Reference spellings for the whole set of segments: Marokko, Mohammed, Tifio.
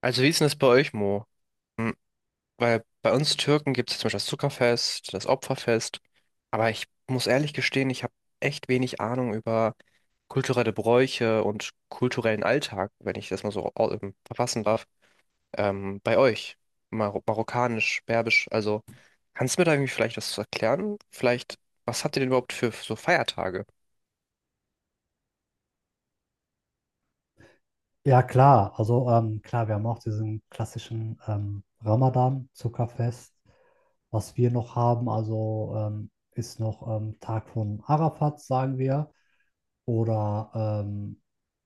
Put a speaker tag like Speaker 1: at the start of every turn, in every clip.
Speaker 1: Also wie ist denn das bei euch, Mo? Hm, weil bei uns Türken gibt es zum Beispiel das Zuckerfest, das Opferfest. Aber ich muss ehrlich gestehen, ich habe echt wenig Ahnung über kulturelle Bräuche und kulturellen Alltag, wenn ich das mal so verfassen darf. Bei euch, marokkanisch, berbisch. Also kannst du mir da irgendwie vielleicht was zu erklären? Vielleicht, was habt ihr denn überhaupt für so Feiertage?
Speaker 2: Ja, klar. Also klar, wir haben auch diesen klassischen Ramadan, Zuckerfest. Was wir noch haben, also ist noch Tag von Arafat, sagen wir. Oder ähm,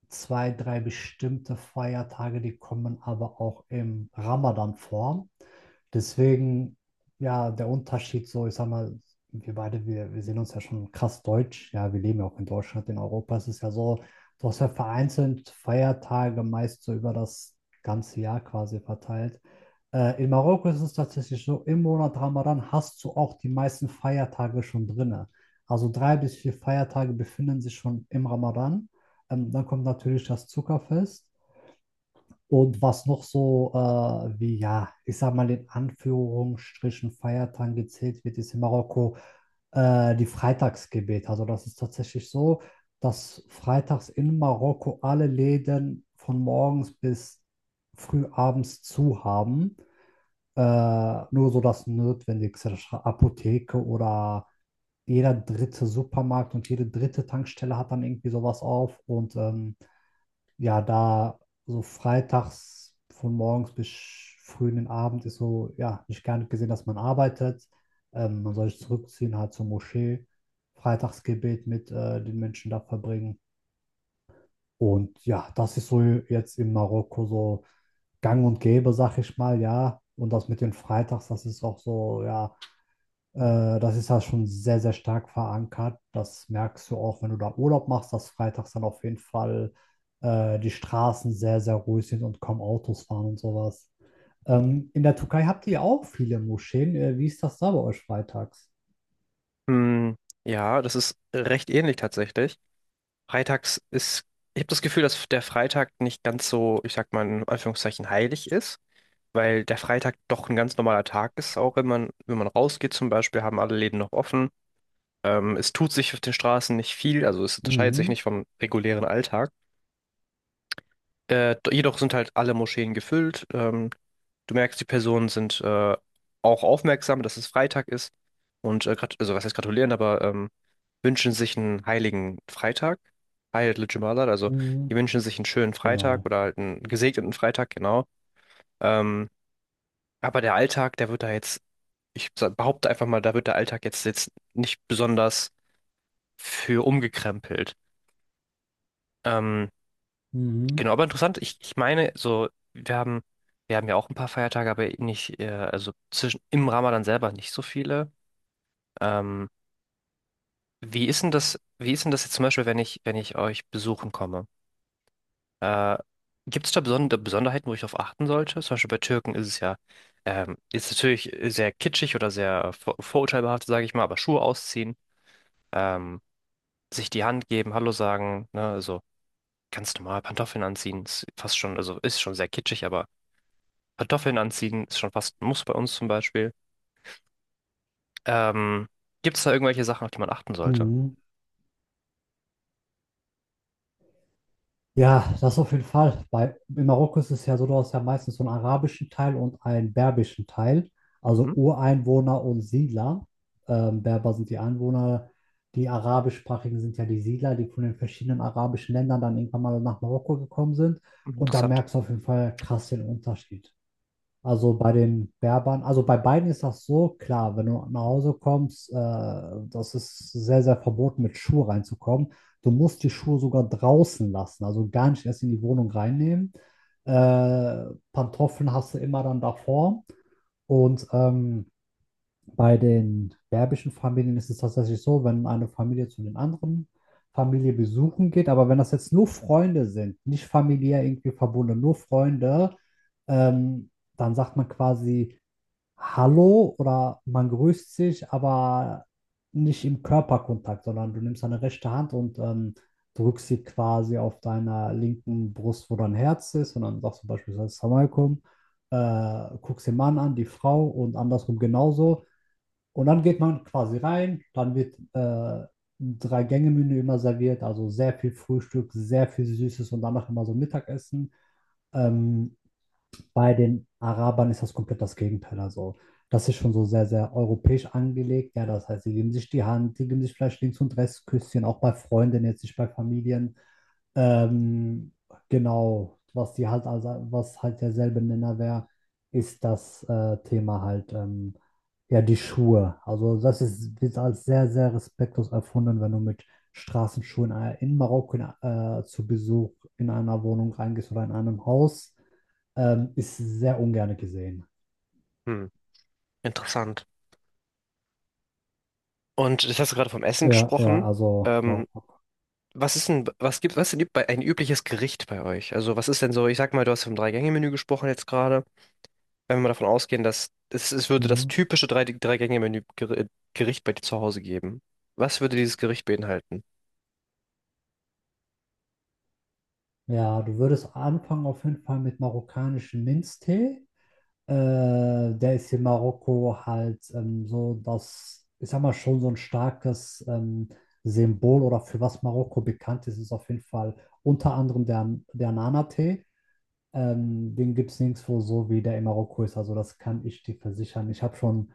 Speaker 2: zwei, drei bestimmte Feiertage, die kommen aber auch im Ramadan vor. Deswegen, ja, der Unterschied so, ich sag mal, wir beide, wir sehen uns ja schon krass deutsch. Ja, wir leben ja auch in Deutschland, in Europa. Es ist ja so, du hast ja vereinzelt Feiertage meist so über das ganze Jahr quasi verteilt. In Marokko ist es tatsächlich so, im Monat Ramadan hast du auch die meisten Feiertage schon drinne. Also drei bis vier Feiertage befinden sich schon im Ramadan. Dann kommt natürlich das Zuckerfest. Und was noch so wie, ja, ich sag mal in Anführungsstrichen Feiertagen gezählt wird, ist in Marokko die Freitagsgebet. Also das ist tatsächlich so, dass freitags in Marokko alle Läden von morgens bis früh abends zu haben. Nur so das Notwendigste, Apotheke oder jeder dritte Supermarkt und jede dritte Tankstelle hat dann irgendwie sowas auf. Und ja, da so freitags von morgens bis früh in den Abend ist so, ja, nicht gar nicht gesehen, dass man arbeitet. Man soll sich zurückziehen, halt zur Moschee, Freitagsgebet mit den Menschen da verbringen. Und ja, das ist so jetzt in Marokko so gang und gäbe, sag ich mal, ja. Und das mit den Freitags, das ist auch so, ja, das ist ja schon sehr, sehr stark verankert. Das merkst du auch, wenn du da Urlaub machst, dass freitags dann auf jeden Fall die Straßen sehr, sehr ruhig sind und kaum Autos fahren und sowas. In der Türkei habt ihr auch viele Moscheen. Wie ist das da bei euch freitags?
Speaker 1: Hm, ja, das ist recht ähnlich tatsächlich. Freitags ist, ich habe das Gefühl, dass der Freitag nicht ganz so, ich sag mal in Anführungszeichen, heilig ist, weil der Freitag doch ein ganz normaler Tag ist, auch wenn man, wenn man rausgeht zum Beispiel, haben alle Läden noch offen. Es tut sich auf den Straßen nicht viel, also es unterscheidet sich
Speaker 2: Mhm.
Speaker 1: nicht vom regulären Alltag. Jedoch sind halt alle Moscheen gefüllt. Du merkst, die Personen sind auch aufmerksam, dass es Freitag ist und also was heißt gratulieren, aber wünschen sich einen heiligen Freitag, Heil Jumalat, also die
Speaker 2: Mhm.
Speaker 1: wünschen sich einen schönen Freitag
Speaker 2: Genau.
Speaker 1: oder halt einen gesegneten Freitag, genau. Ähm, aber der Alltag, der wird da jetzt, behaupte einfach mal, da wird der Alltag jetzt nicht besonders für umgekrempelt. Ähm,
Speaker 2: Mhm.
Speaker 1: Genau, aber interessant, ich meine, so, wir haben ja auch ein paar Feiertage, aber nicht, also zwischen im Ramadan selber nicht so viele. Ähm, Wie ist denn das, wie ist denn das jetzt zum Beispiel, wenn ich euch besuchen komme? Äh, Gibt es da besondere Besonderheiten, wo ich darauf achten sollte? Zum Beispiel bei Türken ist es ja, ist natürlich sehr kitschig oder sehr vorurteilbehaftet, sage ich mal, aber Schuhe ausziehen, ähm, sich die Hand geben, Hallo sagen, ne, also ganz normal Pantoffeln anziehen, ist fast schon, also ist schon sehr kitschig, aber Kartoffeln anziehen ist schon fast ein Muss bei uns zum Beispiel. Ähm, Gibt es da irgendwelche Sachen, auf die man achten sollte?
Speaker 2: Mhm. Ja, das auf jeden Fall. Bei, in Marokko ist es ja so, du hast ja meistens so einen arabischen Teil und einen berbischen Teil, also
Speaker 1: Mhm.
Speaker 2: Ureinwohner und Siedler. Berber sind die Einwohner, die arabischsprachigen sind ja die Siedler, die von den verschiedenen arabischen Ländern dann irgendwann mal nach Marokko gekommen sind. Und da
Speaker 1: Interessant.
Speaker 2: merkst du auf jeden Fall krass den Unterschied. Also bei den Berbern, also bei beiden ist das so, klar, wenn du nach Hause kommst, das ist sehr, sehr verboten, mit Schuhe reinzukommen. Du musst die Schuhe sogar draußen lassen, also gar nicht erst in die Wohnung reinnehmen. Äh, Pantoffeln hast du immer dann davor und bei den berbischen Familien ist es tatsächlich so, wenn eine Familie zu den anderen Familie besuchen geht, aber wenn das jetzt nur Freunde sind, nicht familiär irgendwie verbunden, nur Freunde, ähm, dann sagt man quasi Hallo oder man grüßt sich, aber nicht im Körperkontakt, sondern du nimmst deine rechte Hand und drückst sie quasi auf deiner linken Brust, wo dein Herz ist, und dann sagst du beispielsweise Assalamu alaikum, guckst den Mann an, die Frau und andersrum genauso. Und dann geht man quasi rein, dann wird ein Drei-Gänge-Menü immer serviert, also sehr viel Frühstück, sehr viel Süßes und danach immer so Mittagessen. Ähm, Bei den Arabern ist das komplett das Gegenteil. Also, das ist schon so sehr, sehr europäisch angelegt. Ja, das heißt, sie geben sich die Hand, sie geben sich vielleicht links und rechts Küsschen, auch bei Freunden, jetzt nicht bei Familien. Ähm, genau, was die halt, also, was halt derselbe Nenner wäre, ist das Thema halt, ja, die Schuhe. Also, das ist, wird als sehr, sehr respektlos erfunden, wenn du mit Straßenschuhen in Marokko zu Besuch in einer Wohnung reingehst oder in einem Haus. Ist sehr ungern gesehen.
Speaker 1: Hm, interessant. Und jetzt hast du gerade vom Essen
Speaker 2: Ja, ja,
Speaker 1: gesprochen.
Speaker 2: also
Speaker 1: Ähm,
Speaker 2: Marokko.
Speaker 1: Was ist denn, was gibt bei ein übliches Gericht bei euch? Also was ist denn so, ich sag mal, du hast vom Drei-Gänge-Menü gesprochen jetzt gerade. Wenn wir mal davon ausgehen, dass es würde das
Speaker 2: Mhm.
Speaker 1: typische Drei-Gänge-Menü Gericht bei dir zu Hause geben. Was würde dieses Gericht beinhalten?
Speaker 2: Ja, du würdest anfangen auf jeden Fall mit marokkanischem Minztee. Äh, Der ist in Marokko halt so das, ich sag mal, schon so ein starkes Symbol oder für was Marokko bekannt ist, ist auf jeden Fall unter anderem der Nana-Tee. Den gibt es nirgendwo so wie der in Marokko ist. Also das kann ich dir versichern. Ich habe schon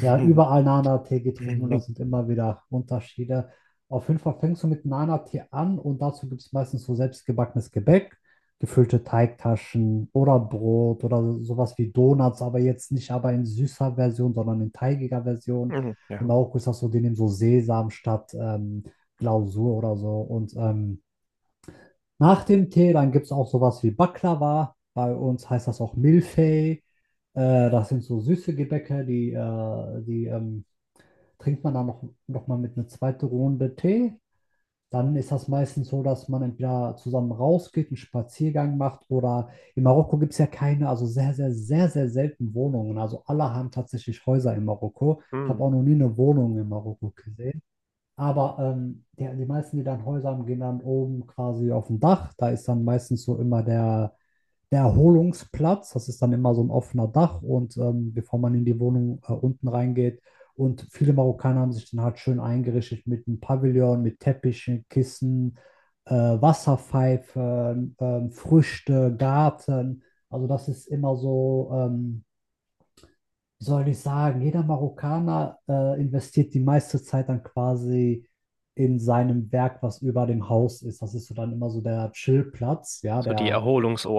Speaker 2: ja, überall Nana-Tee getrunken und
Speaker 1: Mhm.
Speaker 2: das sind immer wieder Unterschiede. Auf jeden Fall fängst du mit Nana-Tee an und dazu gibt es meistens so selbstgebackenes Gebäck, gefüllte Teigtaschen oder Brot oder sowas wie Donuts, aber jetzt nicht aber in süßer Version, sondern in teigiger Version. In
Speaker 1: Ja.
Speaker 2: Marokko ist das so, die nehmen so Sesam statt Glasur oder so und nach dem Tee, dann gibt es auch sowas wie Baklava. Bei uns heißt das auch Milfei. Das sind so süße Gebäcke, die trinkt man dann noch mal mit einer zweiten Runde Tee. Dann ist das meistens so, dass man entweder zusammen rausgeht, einen Spaziergang macht oder in Marokko gibt es ja keine, also sehr, sehr, sehr, sehr selten Wohnungen. Also alle haben tatsächlich Häuser in Marokko. Ich
Speaker 1: Mhm.
Speaker 2: habe auch noch nie eine Wohnung in Marokko gesehen. Aber der, die meisten, die dann Häuser haben, gehen dann oben quasi auf dem Dach. Da ist dann meistens so immer der Erholungsplatz. Das ist dann immer so ein offener Dach. Und bevor man in die Wohnung unten reingeht. Und viele Marokkaner haben sich dann halt schön eingerichtet mit einem Pavillon, mit Teppichen, Kissen, Wasserpfeifen, Früchte, Garten. Also das ist immer so wie soll ich sagen, jeder Marokkaner investiert die meiste Zeit dann quasi in seinem Werk, was über dem Haus ist. Das ist so dann immer so der Chillplatz, ja,
Speaker 1: So die
Speaker 2: der,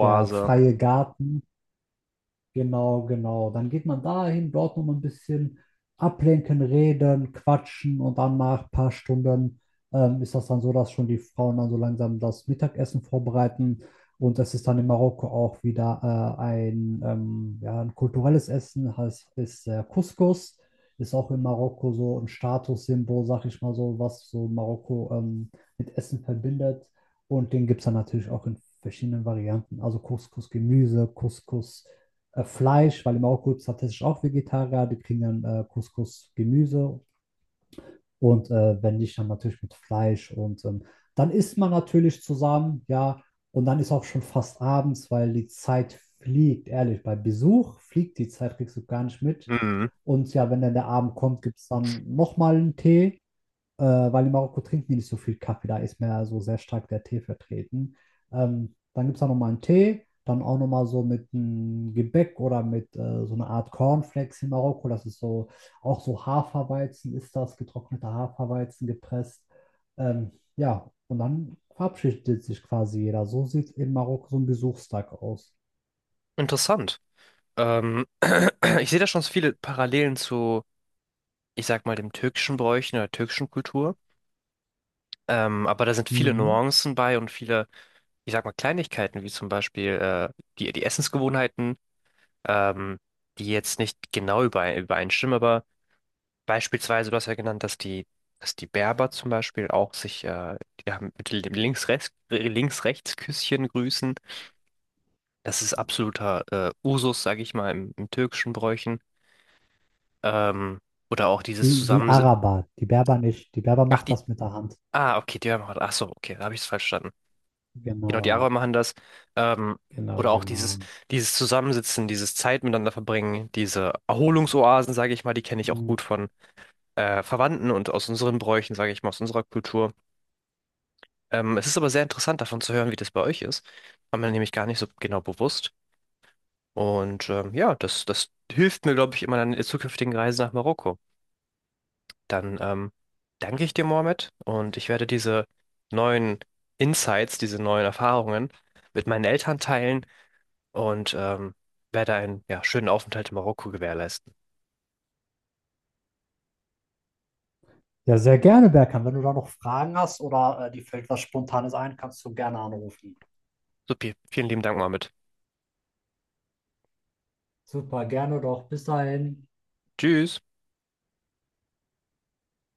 Speaker 2: der freie Garten. Genau, genau. Dann geht man dahin, dort noch mal ein bisschen ablenken, reden, quatschen und dann nach ein paar Stunden ist das dann so, dass schon die Frauen dann so langsam das Mittagessen vorbereiten. Und es ist dann in Marokko auch wieder ein, ja, ein kulturelles Essen, heißt ist Couscous. Ist auch in Marokko so ein Statussymbol, sag ich mal so, was so Marokko mit Essen verbindet. Und den gibt es dann natürlich auch in verschiedenen Varianten. Also Couscous-Gemüse, Couscous Fleisch, weil in Marokko ist tatsächlich auch Vegetarier, die kriegen dann Couscous, Gemüse und wenn nicht, dann natürlich mit Fleisch und dann isst man natürlich zusammen, ja, und dann ist auch schon fast abends, weil die Zeit fliegt, ehrlich, bei Besuch fliegt die Zeit, kriegst du gar nicht mit. Und ja, wenn dann der Abend kommt, gibt es dann nochmal einen Tee äh, weil in Marokko trinken die nicht so viel Kaffee, da ist mehr so sehr stark der Tee vertreten. Dann gibt es da nochmal einen Tee, dann auch nochmal so mit einem Gebäck oder mit so einer Art Cornflakes in Marokko. Das ist so, auch so Haferweizen ist das, getrockneter Haferweizen gepresst. Ja, und dann verabschiedet sich quasi jeder. So sieht in Marokko so ein Besuchstag aus.
Speaker 1: Interessant. Ähm, ich sehe da schon so viele Parallelen zu, ich sag mal, dem türkischen Bräuchen oder türkischen Kultur. Aber da sind viele
Speaker 2: Mhm.
Speaker 1: Nuancen bei und viele, ich sag mal, Kleinigkeiten, wie zum Beispiel die Essensgewohnheiten, ähm, die jetzt nicht genau übereinstimmen, aber beispielsweise, du hast ja genannt, dass die Berber zum Beispiel auch sich die haben mit dem Links-Rechts, Links-Rechts-Küsschen grüßen. Das ist absoluter Usus, sage ich mal, im türkischen Bräuchen. Ähm, oder auch dieses
Speaker 2: Die
Speaker 1: Zusammen...
Speaker 2: Araber, die Berber nicht. Die Berber
Speaker 1: Ach,
Speaker 2: macht
Speaker 1: die...
Speaker 2: das mit der Hand.
Speaker 1: Ah, okay, die machen... Ach so, okay, da habe ich es falsch verstanden. Genau, die
Speaker 2: Genau,
Speaker 1: Araber machen das. Ähm,
Speaker 2: genau,
Speaker 1: oder auch
Speaker 2: genau.
Speaker 1: dieses, dieses Zusammensitzen, dieses Zeit miteinander verbringen, diese Erholungsoasen, sage ich mal, die kenne ich auch
Speaker 2: Mhm.
Speaker 1: gut von Verwandten und aus unseren Bräuchen, sage ich mal, aus unserer Kultur. Es ist aber sehr interessant, davon zu hören, wie das bei euch ist. War mir nämlich gar nicht so genau bewusst. Und ja, das hilft mir, glaube ich, in meiner zukünftigen Reise nach Marokko. Dann danke ich dir, Mohammed, und ich werde diese neuen Insights, diese neuen Erfahrungen mit meinen Eltern teilen und werde einen ja, schönen Aufenthalt in Marokko gewährleisten.
Speaker 2: Ja, sehr gerne, Berkan. Wenn du da noch Fragen hast oder dir fällt was Spontanes ein, kannst du gerne anrufen.
Speaker 1: Supi, vielen lieben Dank, Mohammed.
Speaker 2: Super, gerne doch. Bis dahin.
Speaker 1: Tschüss.